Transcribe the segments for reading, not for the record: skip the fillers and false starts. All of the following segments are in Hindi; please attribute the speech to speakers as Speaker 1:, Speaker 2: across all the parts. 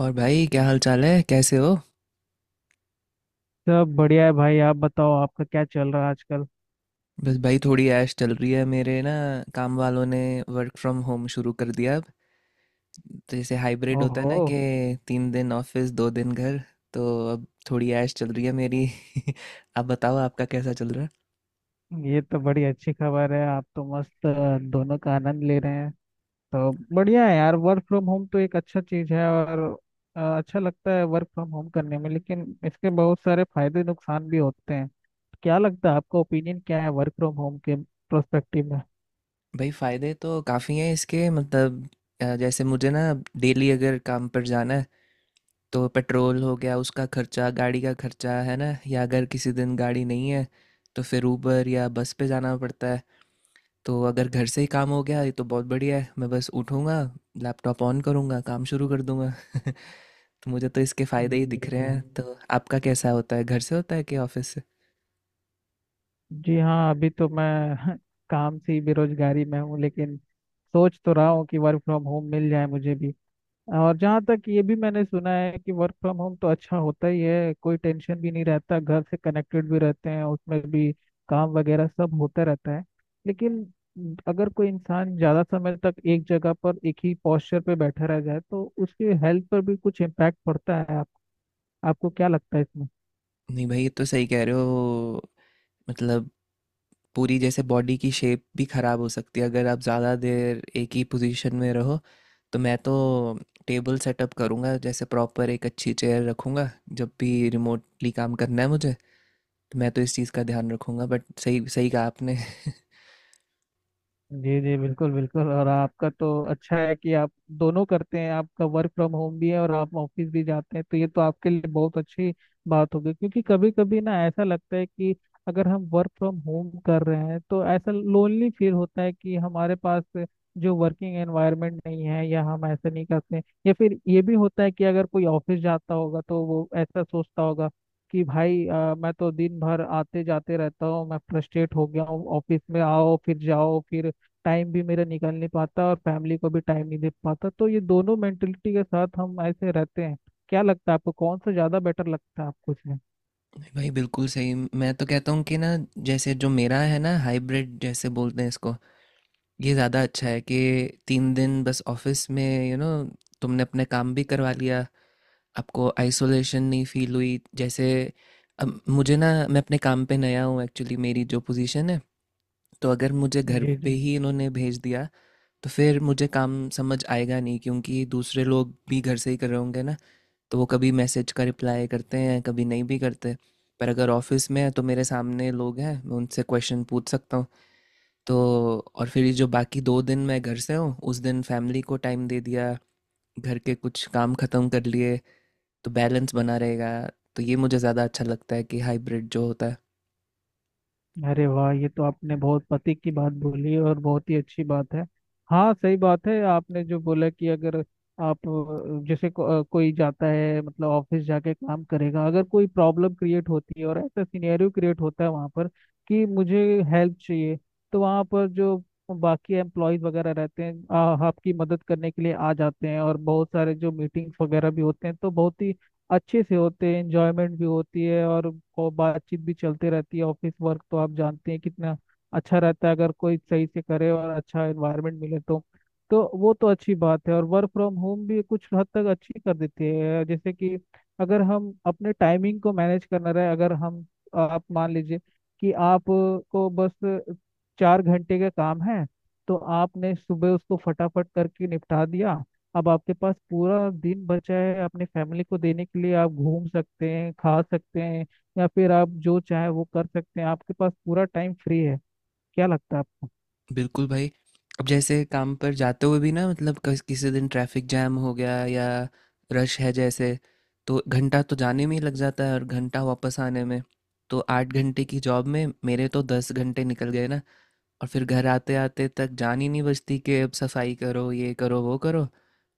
Speaker 1: और भाई, क्या हाल चाल है? कैसे हो?
Speaker 2: सब बढ़िया है भाई। आप बताओ, आपका क्या चल रहा है आजकल?
Speaker 1: बस भाई, थोड़ी ऐश चल रही है मेरे ना। काम वालों ने वर्क फ्रॉम होम शुरू कर दिया अब। तो जैसे हाइब्रिड होता है
Speaker 2: ओहो,
Speaker 1: ना कि 3 दिन ऑफिस 2 दिन घर तो अब थोड़ी ऐश चल रही है मेरी। आप बताओ, आपका कैसा चल रहा है?
Speaker 2: ये तो बड़ी अच्छी खबर है। आप तो मस्त दोनों का आनंद ले रहे हैं। तो बढ़िया है यार, वर्क फ्रॉम होम तो एक अच्छा चीज है। और अच्छा लगता है वर्क फ्रॉम होम करने में, लेकिन इसके बहुत सारे फायदे नुकसान भी होते हैं। क्या लगता है, आपका ओपिनियन क्या है वर्क फ्रॉम होम के प्रोस्पेक्टिव में?
Speaker 1: भाई, फ़ायदे तो काफ़ी हैं इसके। मतलब जैसे मुझे ना डेली अगर काम पर जाना है तो पेट्रोल हो गया, उसका खर्चा, गाड़ी का खर्चा, है ना। या अगर किसी दिन गाड़ी नहीं है तो फिर ऊबर या बस पे जाना पड़ता है। तो अगर घर से ही काम हो गया, ये तो बहुत बढ़िया है। मैं बस उठूँगा, लैपटॉप ऑन करूँगा, काम शुरू कर दूँगा। तो मुझे तो इसके फ़ायदे ही
Speaker 2: जी
Speaker 1: दिख रहे
Speaker 2: जी हाँ।
Speaker 1: हैं। तो आपका कैसा होता है? घर से होता है कि ऑफिस से?
Speaker 2: जी हाँ, अभी तो मैं काम से ही बेरोजगारी में हूँ, लेकिन सोच तो रहा हूँ कि वर्क फ्रॉम होम मिल जाए मुझे भी। और जहाँ तक ये भी मैंने सुना है कि वर्क फ्रॉम होम तो अच्छा होता ही है, कोई टेंशन भी नहीं रहता, घर से कनेक्टेड भी रहते हैं, उसमें भी काम वगैरह सब होता रहता है। लेकिन अगर कोई इंसान ज़्यादा समय तक एक जगह पर एक ही पोस्चर पे बैठा रह जाए तो उसके हेल्थ पर भी कुछ इम्पैक्ट पड़ता है। आपको क्या लगता है इसमें?
Speaker 1: नहीं भाई, ये तो सही कह रहे हो। मतलब पूरी जैसे बॉडी की शेप भी ख़राब हो सकती है अगर आप ज़्यादा देर एक ही पोजीशन में रहो। तो मैं तो टेबल सेटअप करूँगा, जैसे प्रॉपर एक अच्छी चेयर रखूँगा, जब भी रिमोटली काम करना है मुझे। तो मैं तो इस चीज़ का ध्यान रखूँगा, बट सही सही कहा आपने।
Speaker 2: जी जी बिल्कुल बिल्कुल। और आपका तो अच्छा है कि आप दोनों करते हैं, आपका वर्क फ्रॉम होम भी है और आप ऑफिस भी जाते हैं, तो ये तो आपके लिए बहुत अच्छी बात होगी। क्योंकि कभी कभी ना ऐसा लगता है कि अगर हम वर्क फ्रॉम होम कर रहे हैं तो ऐसा लोनली फील होता है कि हमारे पास जो वर्किंग एनवायरनमेंट नहीं है या हम ऐसा नहीं करते हैं। या फिर ये भी होता है कि अगर कोई ऑफिस जाता होगा तो वो ऐसा सोचता होगा कि भाई मैं तो दिन भर आते जाते रहता हूँ, मैं फ्रस्ट्रेट हो गया हूँ, ऑफिस में आओ फिर जाओ फिर टाइम भी मेरा निकाल नहीं पाता और फैमिली को भी टाइम नहीं दे पाता। तो ये दोनों मेंटेलिटी के साथ हम ऐसे रहते हैं। क्या लगता है आपको, कौन सा ज्यादा बेटर लगता है आपको इसमें?
Speaker 1: नहीं भाई, बिल्कुल सही। मैं तो कहता हूँ कि ना, जैसे जो मेरा है ना हाइब्रिड जैसे बोलते हैं इसको, ये ज़्यादा अच्छा है कि तीन दिन बस ऑफिस में, यू you नो तुमने अपने काम भी करवा लिया, आपको आइसोलेशन नहीं फील हुई। जैसे अब मुझे ना, मैं अपने काम पे नया हूँ एक्चुअली। मेरी जो पोजीशन है, तो अगर मुझे घर
Speaker 2: जी
Speaker 1: पे
Speaker 2: जी।
Speaker 1: ही इन्होंने भेज दिया, तो फिर मुझे काम समझ आएगा नहीं, क्योंकि दूसरे लोग भी घर से ही कर रहे होंगे ना। तो वो कभी मैसेज का रिप्लाई करते हैं, कभी नहीं भी करते। पर अगर ऑफिस में है तो मेरे सामने लोग हैं, मैं उनसे क्वेश्चन पूछ सकता हूँ। तो और फिर ये जो बाकी दो दिन मैं घर से हूँ, उस दिन फैमिली को टाइम दे दिया, घर के कुछ काम ख़त्म कर लिए, तो बैलेंस बना रहेगा। तो ये मुझे ज़्यादा अच्छा लगता है कि हाइब्रिड जो होता है।
Speaker 2: अरे वाह, ये तो आपने बहुत पति की बात बोली और बहुत ही अच्छी बात है। हाँ सही बात है आपने जो बोला कि अगर आप कोई जाता है, मतलब ऑफिस जाके काम करेगा, अगर कोई प्रॉब्लम क्रिएट होती है और ऐसा सिनेरियो क्रिएट होता है वहाँ पर कि मुझे हेल्प चाहिए, तो वहाँ पर जो बाकी एम्प्लॉयज वगैरह रहते हैं आपकी मदद करने के लिए आ जाते हैं। और बहुत सारे जो मीटिंग्स वगैरह भी होते हैं तो बहुत ही अच्छे से होते हैं, एंजॉयमेंट भी होती है और को बातचीत भी चलते रहती है। ऑफिस वर्क तो आप जानते हैं कितना अच्छा रहता है अगर कोई सही से करे और अच्छा एनवायरनमेंट मिले तो। तो वो तो अच्छी बात है। और वर्क फ्रॉम होम भी कुछ हद तक अच्छी कर देती है, जैसे कि अगर हम अपने टाइमिंग को मैनेज करना रहे, अगर हम, आप मान लीजिए कि आप को बस 4 घंटे का काम है, तो आपने सुबह उसको फटाफट करके निपटा दिया, अब आपके पास पूरा दिन बचा है अपनी फैमिली को देने के लिए। आप घूम सकते हैं, खा सकते हैं, या फिर आप जो चाहे वो कर सकते हैं, आपके पास पूरा टाइम फ्री है। क्या लगता है आपको?
Speaker 1: बिल्कुल भाई। अब जैसे काम पर जाते हुए भी ना, मतलब किसी दिन ट्रैफिक जैम हो गया या रश है जैसे, तो घंटा तो जाने में ही लग जाता है और घंटा वापस आने में। तो 8 घंटे की जॉब में मेरे तो 10 घंटे निकल गए ना। और फिर घर आते आते तक जान ही नहीं बचती कि अब सफाई करो, ये करो, वो करो।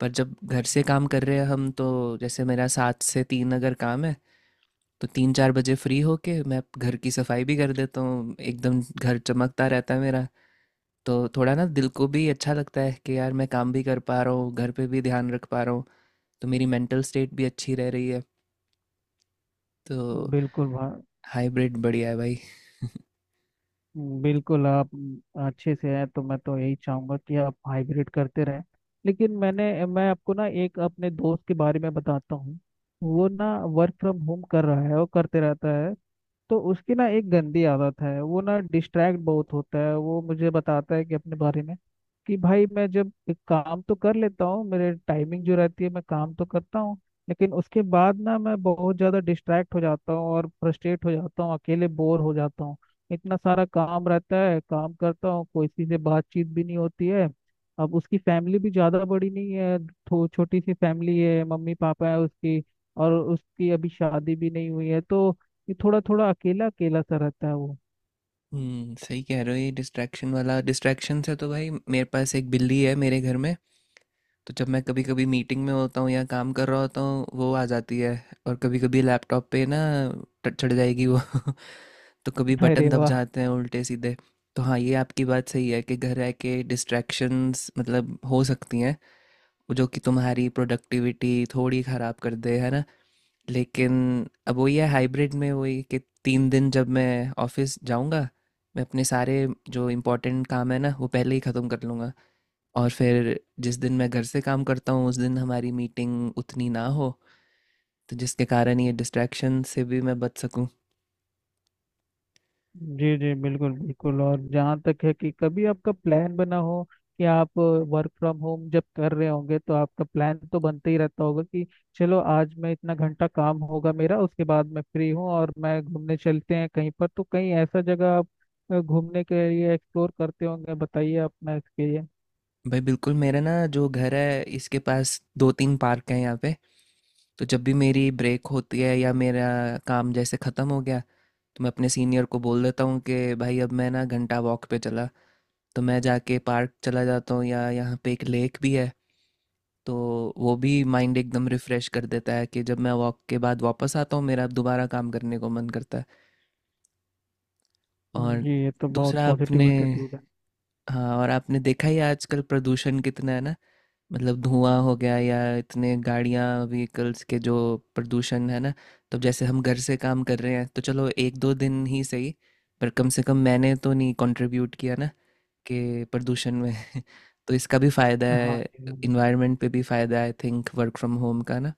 Speaker 1: पर जब घर से काम कर रहे हैं हम, तो जैसे मेरा सात से तीन अगर काम है, तो तीन चार बजे फ्री होके मैं घर की सफाई भी कर देता हूँ। एकदम घर चमकता रहता है मेरा। तो थोड़ा ना दिल को भी अच्छा लगता है कि यार, मैं काम भी कर पा रहा हूँ, घर पे भी ध्यान रख पा रहा हूँ। तो मेरी मेंटल स्टेट भी अच्छी रह रही है। तो
Speaker 2: बिल्कुल भाई,
Speaker 1: हाइब्रिड बढ़िया है भाई।
Speaker 2: बिल्कुल। आप अच्छे से हैं तो मैं तो यही चाहूंगा कि आप हाइब्रिड करते रहें। लेकिन मैं आपको ना एक अपने दोस्त के बारे में बताता हूँ। वो ना वर्क फ्रॉम होम कर रहा है, वो करते रहता है। तो उसकी ना एक गंदी आदत है, वो ना डिस्ट्रैक्ट बहुत होता है। वो मुझे बताता है कि अपने बारे में कि भाई मैं जब एक काम तो कर लेता हूँ, मेरे टाइमिंग जो रहती है मैं काम तो करता हूँ, लेकिन उसके बाद ना मैं बहुत ज़्यादा डिस्ट्रैक्ट हो जाता हूँ और फ्रस्ट्रेट हो जाता हूँ, अकेले बोर हो जाता हूँ। इतना सारा काम रहता है, काम करता हूँ, कोई किसी से बातचीत भी नहीं होती है। अब उसकी फैमिली भी ज़्यादा बड़ी नहीं है, छोटी सी फैमिली है, मम्मी पापा है उसकी, और उसकी अभी शादी भी नहीं हुई है। तो ये थोड़ा थोड़ा अकेला अकेला सा रहता है वो।
Speaker 1: सही कह रहे हो। ये डिस्ट्रैक्शन वाला, डिस्ट्रैक्शन से तो भाई, मेरे पास एक बिल्ली है मेरे घर में। तो जब मैं कभी कभी मीटिंग में होता हूँ या काम कर रहा होता हूँ, वो आ जाती है। और कभी कभी लैपटॉप पे ना चढ़ जाएगी वो। तो कभी
Speaker 2: अरे
Speaker 1: बटन दब
Speaker 2: वाह।
Speaker 1: जाते हैं उल्टे सीधे। तो हाँ, ये आपकी बात सही है कि घर रह के डिस्ट्रैक्शंस मतलब हो सकती हैं, जो कि तुम्हारी प्रोडक्टिविटी थोड़ी ख़राब कर दे, है ना? लेकिन अब वही है हाइब्रिड में, वही कि 3 दिन जब मैं ऑफिस जाऊंगा, मैं अपने सारे जो इम्पोर्टेंट काम है ना वो पहले ही ख़त्म कर लूँगा। और फिर जिस दिन मैं घर से काम करता हूँ, उस दिन हमारी मीटिंग उतनी ना हो, तो जिसके कारण ये डिस्ट्रैक्शन से भी मैं बच सकूँ।
Speaker 2: जी जी बिल्कुल बिल्कुल। और जहाँ तक है कि कभी आपका प्लान बना हो कि आप वर्क फ्रॉम होम जब कर रहे होंगे, तो आपका प्लान तो बनते ही रहता होगा कि चलो आज मैं इतना घंटा काम होगा मेरा, उसके बाद मैं फ्री हूँ और मैं घूमने चलते हैं कहीं पर। तो कहीं ऐसा जगह आप घूमने के लिए एक्सप्लोर करते होंगे, बताइए अपना एक्सपीरियंस।
Speaker 1: भाई बिल्कुल। मेरा ना जो घर है, इसके पास दो तीन पार्क हैं यहाँ पे। तो जब भी मेरी ब्रेक होती है या मेरा काम जैसे ख़त्म हो गया, तो मैं अपने सीनियर को बोल देता हूँ कि भाई अब मैं ना घंटा वॉक पे चला। तो मैं जाके पार्क चला जाता हूँ, या यहाँ पे एक लेक भी है। तो वो भी माइंड एकदम रिफ़्रेश कर देता है, कि जब मैं वॉक के बाद वापस आता हूँ, मेरा दोबारा काम करने को मन करता है। और
Speaker 2: जी, ये तो बहुत
Speaker 1: दूसरा आपने,
Speaker 2: पॉजिटिव एटीट्यूड है।
Speaker 1: हाँ, और आपने देखा ही है आजकल प्रदूषण कितना है ना। मतलब धुआं हो गया, या इतने गाड़ियाँ, व्हीकल्स के जो प्रदूषण है ना, तो जैसे हम घर से काम कर रहे हैं तो चलो एक दो दिन ही सही, पर कम से कम मैंने तो नहीं कंट्रीब्यूट किया ना, के प्रदूषण में। तो इसका भी फायदा
Speaker 2: हाँ
Speaker 1: है।
Speaker 2: जी हाँ,
Speaker 1: इन्वायरमेंट पे भी फायदा है I think, work from home का ना।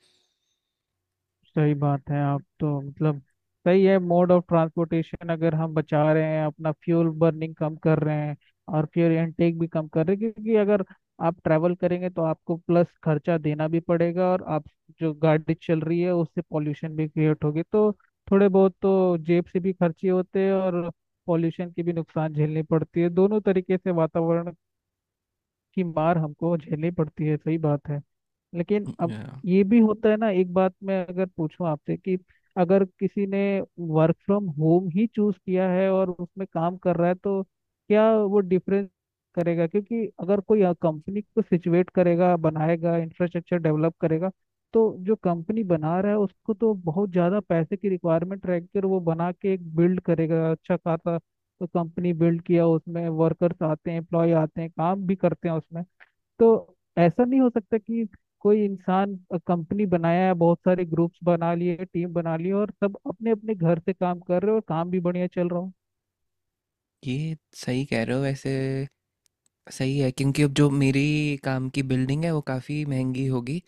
Speaker 2: सही बात है। आप तो मतलब सही है, मोड ऑफ ट्रांसपोर्टेशन अगर हम बचा रहे हैं, अपना फ्यूल बर्निंग कम कर रहे हैं और फ्यूल इनटेक भी कम कर रहे हैं, क्योंकि अगर आप ट्रैवल करेंगे तो आपको प्लस खर्चा देना भी पड़ेगा और आप, जो गाड़ी चल रही है उससे पॉल्यूशन भी क्रिएट होगी। तो थोड़े बहुत तो जेब से भी खर्चे होते हैं और पॉल्यूशन की भी नुकसान झेलनी पड़ती है, दोनों तरीके से वातावरण की मार हमको झेलनी पड़ती है। सही बात है। लेकिन अब
Speaker 1: Yeah।
Speaker 2: ये भी होता है ना, एक बात मैं अगर पूछूं आपसे कि अगर किसी ने वर्क फ्रॉम होम ही चूज किया है और उसमें काम कर रहा है, तो क्या वो डिफरेंस करेगा? क्योंकि अगर कोई कंपनी को सिचुएट करेगा, बनाएगा, इंफ्रास्ट्रक्चर डेवलप करेगा, तो जो कंपनी बना रहा है उसको तो बहुत ज़्यादा पैसे की रिक्वायरमेंट रह कर वो बना के एक बिल्ड करेगा अच्छा खासा। तो कंपनी बिल्ड किया, उसमें वर्कर्स आते हैं, एम्प्लॉय आते हैं, काम भी करते हैं उसमें। तो ऐसा नहीं हो सकता कि कोई इंसान कंपनी बनाया है, बहुत सारे ग्रुप्स बना लिए, टीम बना लिए और सब अपने अपने घर से काम कर रहे हो और काम भी बढ़िया चल रहा
Speaker 1: ये सही कह रहे हो वैसे। सही है क्योंकि अब जो मेरी काम की बिल्डिंग है वो काफ़ी महंगी होगी।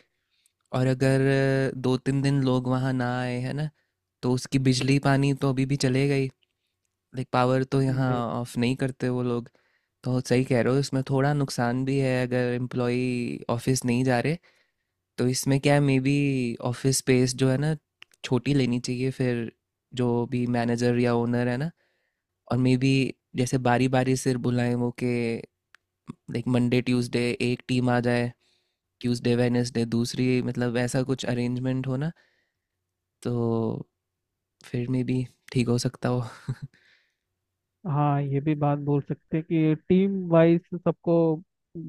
Speaker 1: और अगर दो तीन दिन लोग वहाँ ना आए, है ना, तो उसकी बिजली पानी तो अभी भी चले गई। लाइक पावर तो यहाँ
Speaker 2: हो।
Speaker 1: ऑफ नहीं करते वो लोग। तो सही कह रहे हो, इसमें थोड़ा नुकसान भी है अगर एम्प्लॉई ऑफिस नहीं जा रहे। तो इसमें क्या है, मे बी ऑफिस स्पेस जो है ना छोटी लेनी चाहिए फिर, जो भी मैनेजर या ओनर है ना। और मे बी जैसे बारी बारी से बुलाएं वो, के लाइक मंडे ट्यूसडे एक टीम आ जाए, ट्यूसडे वेडनेसडे दूसरी, मतलब ऐसा कुछ अरेंजमेंट हो ना। तो फिर मे बी ठीक हो सकता हो।
Speaker 2: हाँ ये भी बात बोल सकते हैं कि टीम वाइज सबको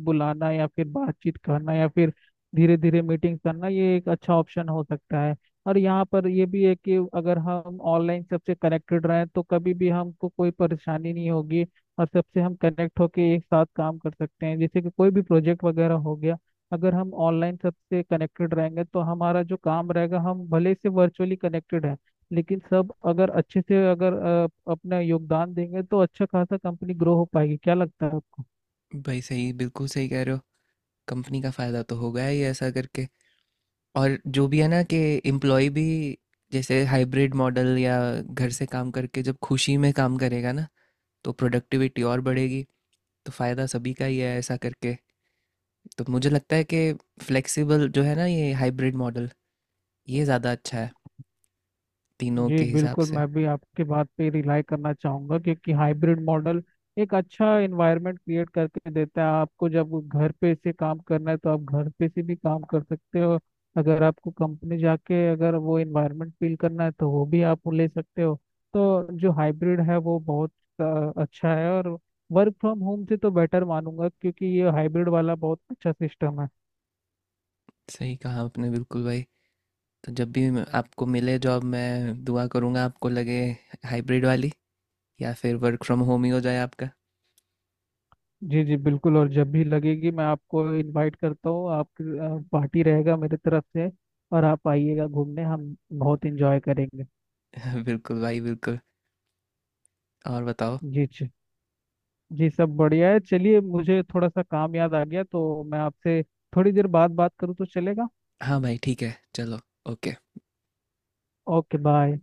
Speaker 2: बुलाना या फिर बातचीत करना या फिर धीरे धीरे मीटिंग करना, ये एक अच्छा ऑप्शन हो सकता है। और यहाँ पर ये भी है कि अगर हम ऑनलाइन सबसे कनेक्टेड रहें तो कभी भी हमको कोई परेशानी नहीं होगी, और सबसे हम कनेक्ट होके एक साथ काम कर सकते हैं। जैसे कि कोई भी प्रोजेक्ट वगैरह हो गया, अगर हम ऑनलाइन सबसे कनेक्टेड रहेंगे तो हमारा जो काम रहेगा, हम भले से वर्चुअली कनेक्टेड हैं लेकिन सब अगर अच्छे से अगर अपना योगदान देंगे तो अच्छा खासा कंपनी ग्रो हो पाएगी। क्या लगता है आपको?
Speaker 1: भाई सही, बिल्कुल सही कह रहे हो। कंपनी का फ़ायदा तो होगा ही ऐसा करके। और जो भी है ना, कि एम्प्लॉय भी जैसे हाइब्रिड मॉडल या घर से काम करके जब खुशी में काम करेगा ना, तो प्रोडक्टिविटी और बढ़ेगी। तो फ़ायदा सभी का ही है ऐसा करके। तो मुझे लगता है कि फ्लेक्सिबल जो है ना ये हाइब्रिड मॉडल, ये ज़्यादा अच्छा है तीनों
Speaker 2: जी
Speaker 1: के हिसाब
Speaker 2: बिल्कुल,
Speaker 1: से।
Speaker 2: मैं भी आपके बात पे रिलाई करना चाहूंगा क्योंकि हाइब्रिड मॉडल एक अच्छा एनवायरनमेंट क्रिएट करके देता है आपको। जब घर पे से काम करना है तो आप घर पे से भी काम कर सकते हो, अगर आपको कंपनी जाके अगर वो एनवायरनमेंट फील करना है तो वो भी आप ले सकते हो। तो जो हाइब्रिड है वो बहुत अच्छा है। और वर्क फ्रॉम होम से तो बेटर मानूंगा, क्योंकि ये हाइब्रिड वाला बहुत अच्छा सिस्टम है।
Speaker 1: सही कहा आपने, बिल्कुल भाई। तो जब भी आपको मिले जॉब, मैं दुआ करूँगा आपको लगे हाइब्रिड वाली, या फिर वर्क फ्रॉम होम ही हो जाए आपका।
Speaker 2: जी जी बिल्कुल। और जब भी लगेगी मैं आपको इनवाइट करता हूँ, आप, पार्टी रहेगा मेरे तरफ से और आप आइएगा घूमने, हम बहुत एंजॉय करेंगे।
Speaker 1: बिल्कुल भाई, बिल्कुल। और बताओ?
Speaker 2: जी जी। जी सब बढ़िया है। चलिए, मुझे थोड़ा सा काम याद आ गया, तो मैं आपसे थोड़ी देर बाद बात करूँ तो चलेगा?
Speaker 1: हाँ भाई, ठीक है चलो। ओके।
Speaker 2: Okay bye.